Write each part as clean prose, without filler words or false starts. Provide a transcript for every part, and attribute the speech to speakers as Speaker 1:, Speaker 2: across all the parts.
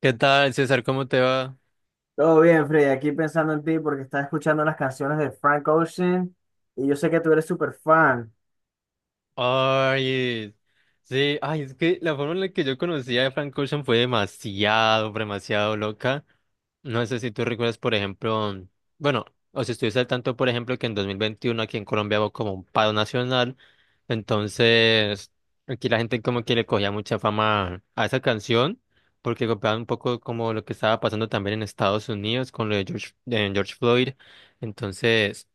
Speaker 1: ¿Qué tal, César? ¿Cómo te va?
Speaker 2: Todo bien, Freddy. Aquí pensando en ti porque estaba escuchando las canciones de Frank Ocean y yo sé que tú eres súper fan.
Speaker 1: Ay, sí, es que la forma en la que yo conocí a Frank Ocean fue demasiado, pero demasiado loca. No sé si tú recuerdas, por ejemplo, bueno, o si estuviste al tanto, por ejemplo, que en 2021 aquí en Colombia hubo como un paro nacional, entonces aquí la gente como que le cogía mucha fama a esa canción, porque copiaba un poco como lo que estaba pasando también en Estados Unidos con lo de George Floyd, entonces...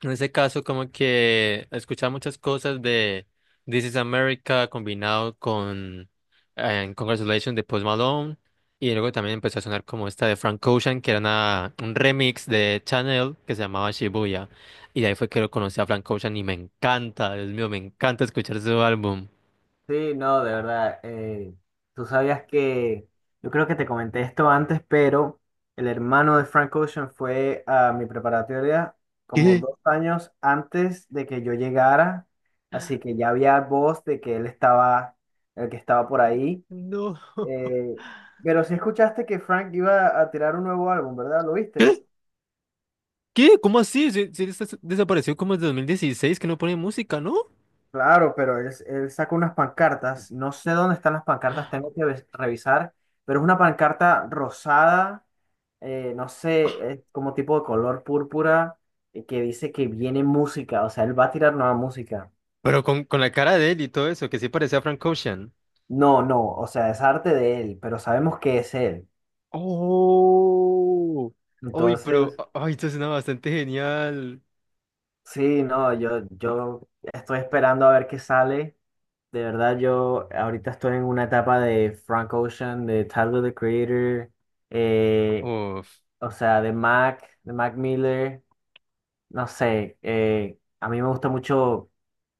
Speaker 1: En ese caso, como que escuchaba muchas cosas de This is America combinado con Congratulations de Post Malone. Y luego también empezó a sonar como esta de Frank Ocean, que era un remix de Chanel que se llamaba Shibuya. Y de ahí fue que lo conocí a Frank Ocean y me encanta, Dios mío, me encanta escuchar su álbum.
Speaker 2: Sí, no, de verdad. Tú sabías que, yo creo que te comenté esto antes, pero el hermano de Frank Ocean fue a mi preparatoria como
Speaker 1: ¿Qué?
Speaker 2: 2 años antes de que yo llegara, así que ya había voz de que él estaba, el que estaba por ahí.
Speaker 1: No.
Speaker 2: Eh, pero sí escuchaste que Frank iba a tirar un nuevo álbum, ¿verdad? ¿Lo viste?
Speaker 1: ¿Qué? ¿Qué? ¿Cómo así? Si él desapareció como desde 2016, que no pone música, ¿no?
Speaker 2: Claro, pero él sacó unas pancartas. No sé dónde están las pancartas, tengo que revisar, pero es una pancarta rosada, no sé, es como tipo de color púrpura, y que dice que viene música, o sea, él va a tirar nueva música.
Speaker 1: Pero con la cara de él y todo eso, que sí parecía Frank Ocean.
Speaker 2: No, no, o sea, es arte de él, pero sabemos que es él.
Speaker 1: Oh. Uy, pero,
Speaker 2: Entonces,
Speaker 1: ay, esto suena bastante genial.
Speaker 2: sí, no, yo estoy esperando a ver qué sale. De verdad, yo ahorita estoy en una etapa de Frank Ocean, de Tyler, the Creator. eh,
Speaker 1: Uf.
Speaker 2: o sea, de Mac Miller, no sé, a mí me gusta mucho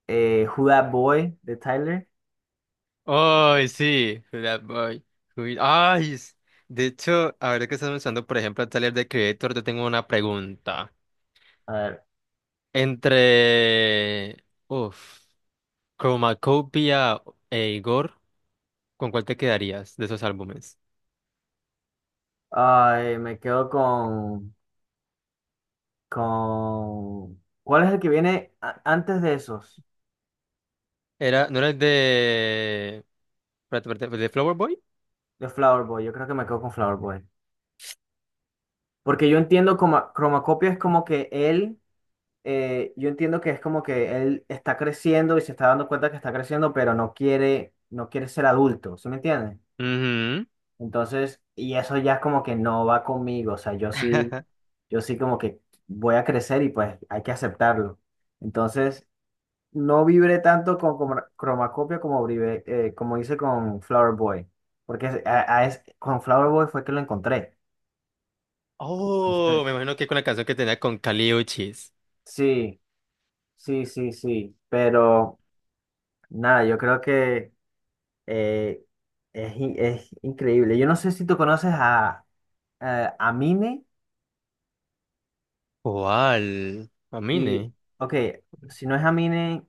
Speaker 2: Who That Boy de Tyler.
Speaker 1: Ay, sí. That Boy. Uy, de hecho, ahora que estás usando, por ejemplo, el taller de Creator, yo tengo una pregunta.
Speaker 2: A ver,
Speaker 1: Entre, uf, Chromacopia e Igor, con cuál te quedarías de esos álbumes?
Speaker 2: ay, me quedo con, ¿cuál es el que viene antes de esos?
Speaker 1: Era, ¿no era el de, espérate, el de Flower Boy?
Speaker 2: De Flower Boy, yo creo que me quedo con Flower Boy. Porque yo entiendo como Cromacopia es como que él, yo entiendo que es como que él está creciendo y se está dando cuenta que está creciendo, pero no quiere, no quiere ser adulto, ¿sí me entiendes?
Speaker 1: Ujú.
Speaker 2: Entonces, y eso ya es como que no va conmigo, o sea, yo sí, yo sí como que voy a crecer y pues hay que aceptarlo. Entonces, no vibré tanto con, Chromacopia como, vibré, como hice con Flower Boy, porque con Flower Boy fue que lo encontré.
Speaker 1: Oh, me
Speaker 2: Entonces,
Speaker 1: imagino que con la canción que tenía con Kali Uchis.
Speaker 2: sí, sí, sí, sí, pero nada, yo creo que eh, es, es increíble. Yo no sé si tú conoces a Mine.
Speaker 1: ¿Cuál?
Speaker 2: Y,
Speaker 1: ¿Amine?
Speaker 2: ok, si no es Amine,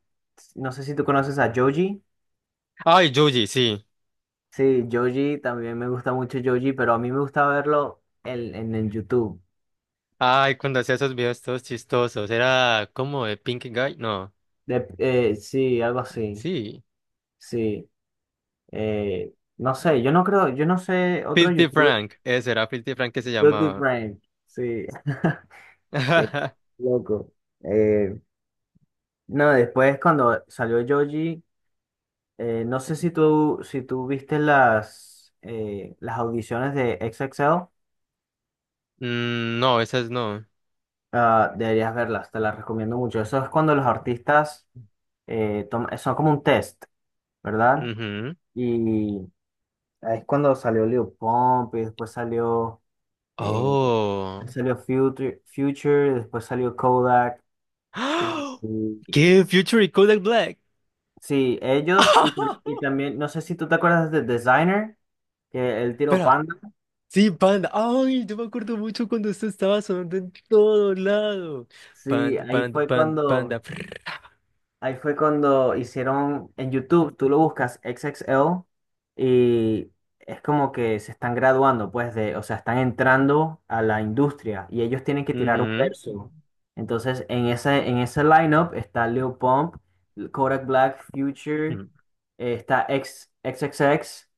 Speaker 2: no sé si tú conoces a Joji.
Speaker 1: Ay, Yuji, sí.
Speaker 2: Sí, Joji, también me gusta mucho Joji, pero a mí me gusta verlo en, el YouTube.
Speaker 1: Ay, cuando hacía esos videos todos chistosos. Era como de Pink Guy. No,
Speaker 2: Sí, algo así.
Speaker 1: sí.
Speaker 2: Sí. Eh, no sé, yo no creo, yo no sé otro
Speaker 1: Filthy
Speaker 2: youtuber.
Speaker 1: Frank. Ese era Filthy Frank que se
Speaker 2: Guilty
Speaker 1: llamaba.
Speaker 2: Frank. Sí. Qué loco. Eh, no, después cuando salió Joji, no sé si tú viste las audiciones de XXL.
Speaker 1: Mm, no, esas no.
Speaker 2: Ah, deberías verlas, te las recomiendo mucho. Eso es cuando los artistas son como un test, ¿verdad?
Speaker 1: Ujú.
Speaker 2: Y ahí es cuando salió Lil Pump, y después eh,
Speaker 1: Oh.
Speaker 2: salió Future, después salió Kodak. Y, y-
Speaker 1: ¿Qué? ¿Future y Kodak Black?
Speaker 2: sí, ellos y, y también, no sé si tú te acuerdas de Designer, que el tiro
Speaker 1: Espera.
Speaker 2: Panda.
Speaker 1: Sí, Panda. Ay, yo me acuerdo mucho cuando esto estaba sonando en todo lado.
Speaker 2: Sí,
Speaker 1: Panda,
Speaker 2: ahí
Speaker 1: panda,
Speaker 2: fue
Speaker 1: panda,
Speaker 2: cuando,
Speaker 1: panda. Frrr.
Speaker 2: Ahí fue cuando hicieron en YouTube, tú lo buscas X X L y es como que se están graduando, pues, o sea, están entrando a la industria y ellos tienen que tirar un
Speaker 1: Ujú,
Speaker 2: verso. Entonces, en ese lineup está Lil Pump, Kodak Black, Future,
Speaker 1: ujú.
Speaker 2: está XXX,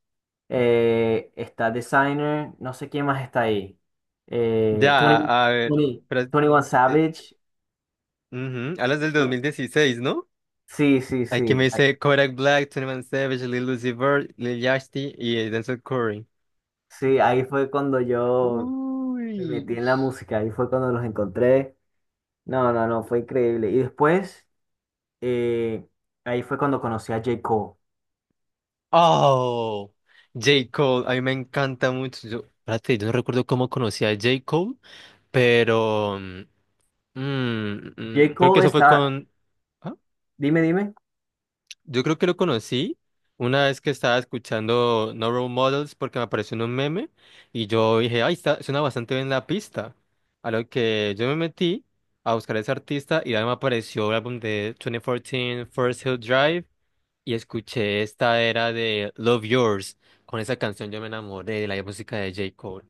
Speaker 2: está Designer, no sé quién más está ahí. Eh,
Speaker 1: Ya,
Speaker 2: 20,
Speaker 1: a ver.
Speaker 2: 20,
Speaker 1: Pero,
Speaker 2: 21
Speaker 1: eh,
Speaker 2: Savage.
Speaker 1: ujú, ¿hablas del dos
Speaker 2: ¿No?
Speaker 1: mil dieciséis, no?
Speaker 2: Sí, sí,
Speaker 1: Hay que me
Speaker 2: sí.
Speaker 1: dice Kodak Black, Twenty One Savage, Lil Uzi Vert, Lil Yachty y Denzel Curry.
Speaker 2: Sí, ahí fue cuando yo me metí
Speaker 1: Uy.
Speaker 2: en la música, ahí fue cuando los encontré. No, no, no, fue increíble. Y después, eh, ahí fue cuando conocí a J. Cole.
Speaker 1: Oh, J. Cole. A mí me encanta mucho. Yo, espérate, yo no recuerdo cómo conocí a J. Cole, pero. mm, Mm,
Speaker 2: J.
Speaker 1: mm, creo que
Speaker 2: Cole
Speaker 1: eso fue
Speaker 2: está,
Speaker 1: con... ¿ah?
Speaker 2: dime, dime.
Speaker 1: Yo creo que lo conocí una vez que estaba escuchando No Role Models porque me apareció en un meme y yo dije, ay, está, suena bastante bien la pista. A lo que yo me metí a buscar a ese artista y ahí me apareció el álbum de 2014 First Hill Drive y escuché esta era de Love Yours. Con esa canción yo me enamoré de la música de J. Cole.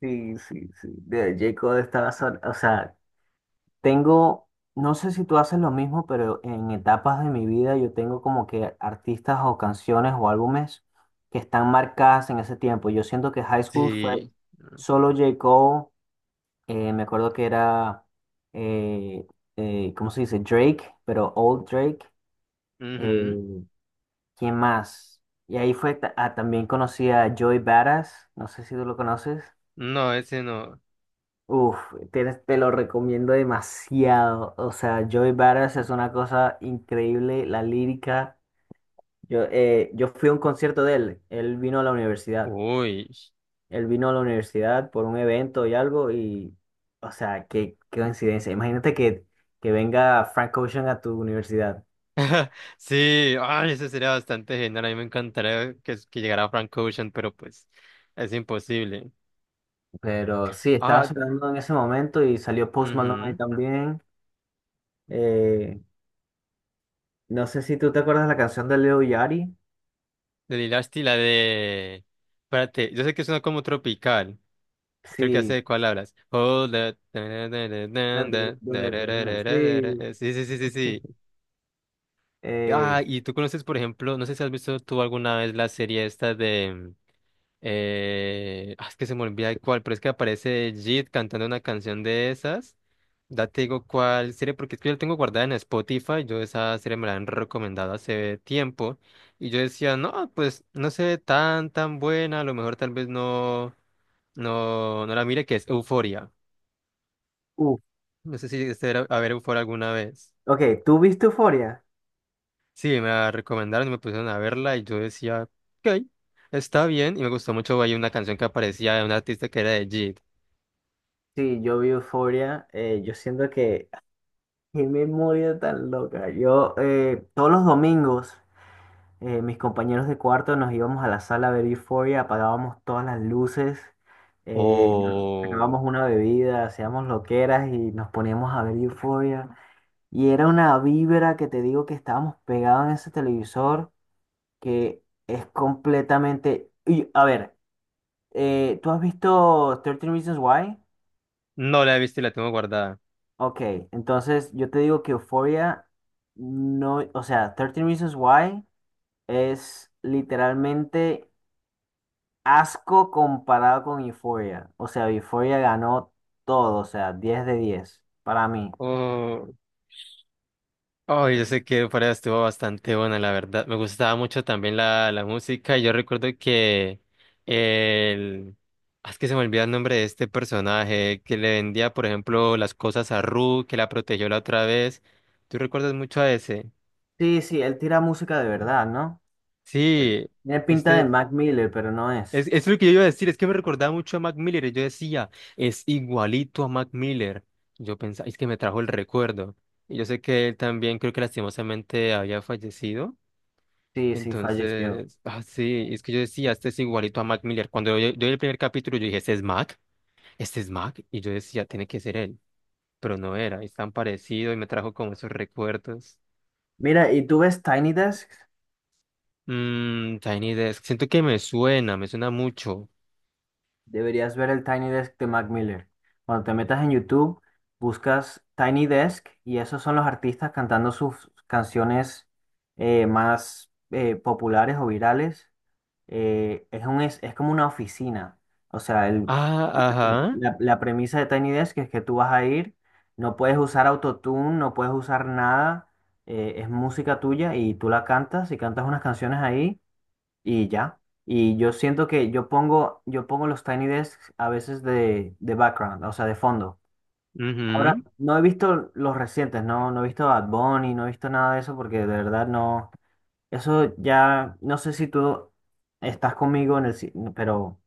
Speaker 2: Sí, sí, sí. J. Cole estaba, o sea, tengo, no sé si tú haces lo mismo, pero en etapas de mi vida yo tengo como que artistas o canciones o álbumes que están marcadas en ese tiempo. Yo siento que High School fue
Speaker 1: Sí.
Speaker 2: solo J. Cole. Me acuerdo que era, eh, ¿cómo se dice? Drake, pero Old Drake.
Speaker 1: Ujú.
Speaker 2: Eh, ¿Quién más? Y ahí fue, también conocí a Joey Badass, no sé si tú lo conoces.
Speaker 1: No, ese no.
Speaker 2: Uf, lo recomiendo demasiado. O sea, Joey Badass es una cosa increíble, la lírica. Yo fui a un concierto de él, él vino a la universidad.
Speaker 1: Uy.
Speaker 2: Él vino a la universidad por un evento y algo y, o sea, qué coincidencia. Imagínate que venga Frank Ocean a tu universidad.
Speaker 1: Sí, ay, eso sería bastante genial. A mí me encantaría que llegara Frank Ocean, pero pues es imposible.
Speaker 2: Pero sí, estaba
Speaker 1: Ah,
Speaker 2: sonando en ese momento y salió Post Malone ahí
Speaker 1: mhm.
Speaker 2: también. Eh, no sé si tú te acuerdas de la canción de Leo Yachty.
Speaker 1: De Lilo y Stitch, la de. Espérate, yo sé que suena como tropical. Creo que ya sé
Speaker 2: Sí.
Speaker 1: de cuál hablas. Hold That.
Speaker 2: la de- Sí.
Speaker 1: Sí, sí, sí, sí, sí.
Speaker 2: Eh,
Speaker 1: Ah, y tú conoces, por ejemplo, no sé si has visto tú alguna vez la serie esta de. Es que se me olvida el cuál, pero es que aparece Jid cantando una canción de esas. Ya te digo cuál serie, porque es que yo la tengo guardada en Spotify. Yo esa serie me la han recomendado hace tiempo. Y yo decía, no, pues no sé, tan, tan buena. A lo mejor tal vez no la mire, que es Euforia.
Speaker 2: Uf.
Speaker 1: No sé si este era a ver Euforia alguna vez.
Speaker 2: Ok, ¿tú viste Euphoria?
Speaker 1: Sí, me la recomendaron y me pusieron a verla. Y yo decía, ok, está bien. Y me gustó mucho. Hay una canción que aparecía de un artista que era de Jid.
Speaker 2: Sí, yo vi Euphoria. Yo siento que. ¡Qué memoria tan loca! Yo todos los domingos, mis compañeros de cuarto nos íbamos a la sala a ver Euphoria, apagábamos todas las luces, eh, sacábamos
Speaker 1: Oh,
Speaker 2: una bebida, hacíamos loqueras y nos poníamos a ver Euphoria. Y era una vibra que te digo que estábamos pegados en ese televisor que es completamente. Y, a ver, ¿tú has visto 13 Reasons Why?
Speaker 1: no la he visto y la tengo guardada.
Speaker 2: Ok, entonces yo te digo que Euphoria no. O sea, 13 Reasons Why es literalmente asco comparado con Euphoria. O sea, Euphoria ganó todo, o sea, 10 de 10 para mí.
Speaker 1: Oh, oh, yo sé que fuera estuvo bastante buena, la verdad. Me gustaba mucho también la música. Yo recuerdo que el... ah, es que se me olvida el nombre de este personaje que le vendía, por ejemplo, las cosas a Ru, que la protegió la otra vez. ¿Tú recuerdas mucho a ese?
Speaker 2: Sí, sí, él tira música de verdad, ¿no? Él
Speaker 1: Sí,
Speaker 2: tiene pinta de
Speaker 1: este...
Speaker 2: Mac Miller, pero no es.
Speaker 1: Es lo que yo iba a decir, es que me recordaba mucho a Mac Miller. Y yo decía, es igualito a Mac Miller. Yo pensaba, es que me trajo el recuerdo. Y yo sé que él también, creo que lastimosamente había fallecido.
Speaker 2: Sí, sí, falleció.
Speaker 1: Entonces, ah, sí, es que yo decía, este es igualito a Mac Miller. Cuando yo vi el primer capítulo, yo dije, este es Mac, este es Mac. Y yo decía, tiene que ser él. Pero no era, es tan parecido y me trajo como esos recuerdos.
Speaker 2: Mira, ¿y tú ves Tiny Desk?
Speaker 1: Mmm, Tiny Desk, siento que me suena mucho.
Speaker 2: Deberías ver el Tiny Desk de Mac Miller. Cuando te metas en YouTube, buscas Tiny Desk y esos son los artistas cantando sus canciones más populares o virales. Es como una oficina. O sea,
Speaker 1: Ah, ajá.
Speaker 2: la premisa de Tiny Desk es que tú vas a ir, no puedes usar autotune, no puedes usar nada, es música tuya y tú la cantas y cantas unas canciones ahí y ya. Y yo siento que yo pongo los Tiny Desks a veces de background, o sea, de fondo. Ahora, no he visto los recientes, no he visto Bad Bunny, no he visto nada de eso porque de verdad no. Eso ya, no sé si tú estás conmigo pero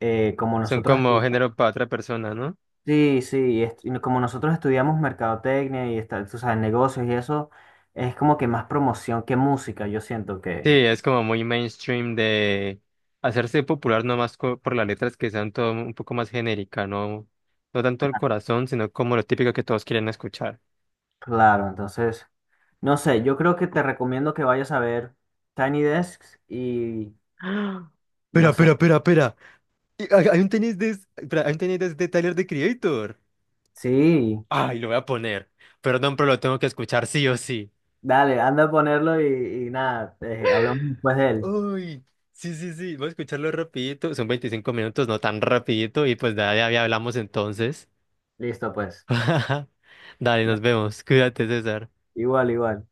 Speaker 2: como
Speaker 1: Son
Speaker 2: nosotros,
Speaker 1: como género para otra persona, ¿no?
Speaker 2: sí, sí, y como nosotros estudiamos mercadotecnia y está, tú sabes, negocios y eso, es como que más promoción que música, yo siento
Speaker 1: Sí,
Speaker 2: que,
Speaker 1: es como muy mainstream de hacerse popular nomás por las letras que sean todo un poco más genérica, no, no tanto el corazón, sino como lo típico que todos quieren escuchar.
Speaker 2: claro, entonces, no sé, yo creo que te recomiendo que vayas a ver Tiny Desks y,
Speaker 1: ¡Ah! Espera,
Speaker 2: no
Speaker 1: espera,
Speaker 2: sé,
Speaker 1: espera, espera. Hay un tenis de, espera, hay un tenis de Tyler, The Creator.
Speaker 2: sí,
Speaker 1: Ay, lo voy a poner. Perdón, pero lo tengo que escuchar sí o sí.
Speaker 2: dale, anda a ponerlo y, nada, hablamos después de él.
Speaker 1: Uy, sí, sí, sí. Voy a escucharlo rapidito. Son 25 minutos, no tan rapidito. Y pues de ahí hablamos entonces.
Speaker 2: Listo, pues.
Speaker 1: Dale, nos
Speaker 2: Da-
Speaker 1: vemos. Cuídate, César.
Speaker 2: Igual, igual.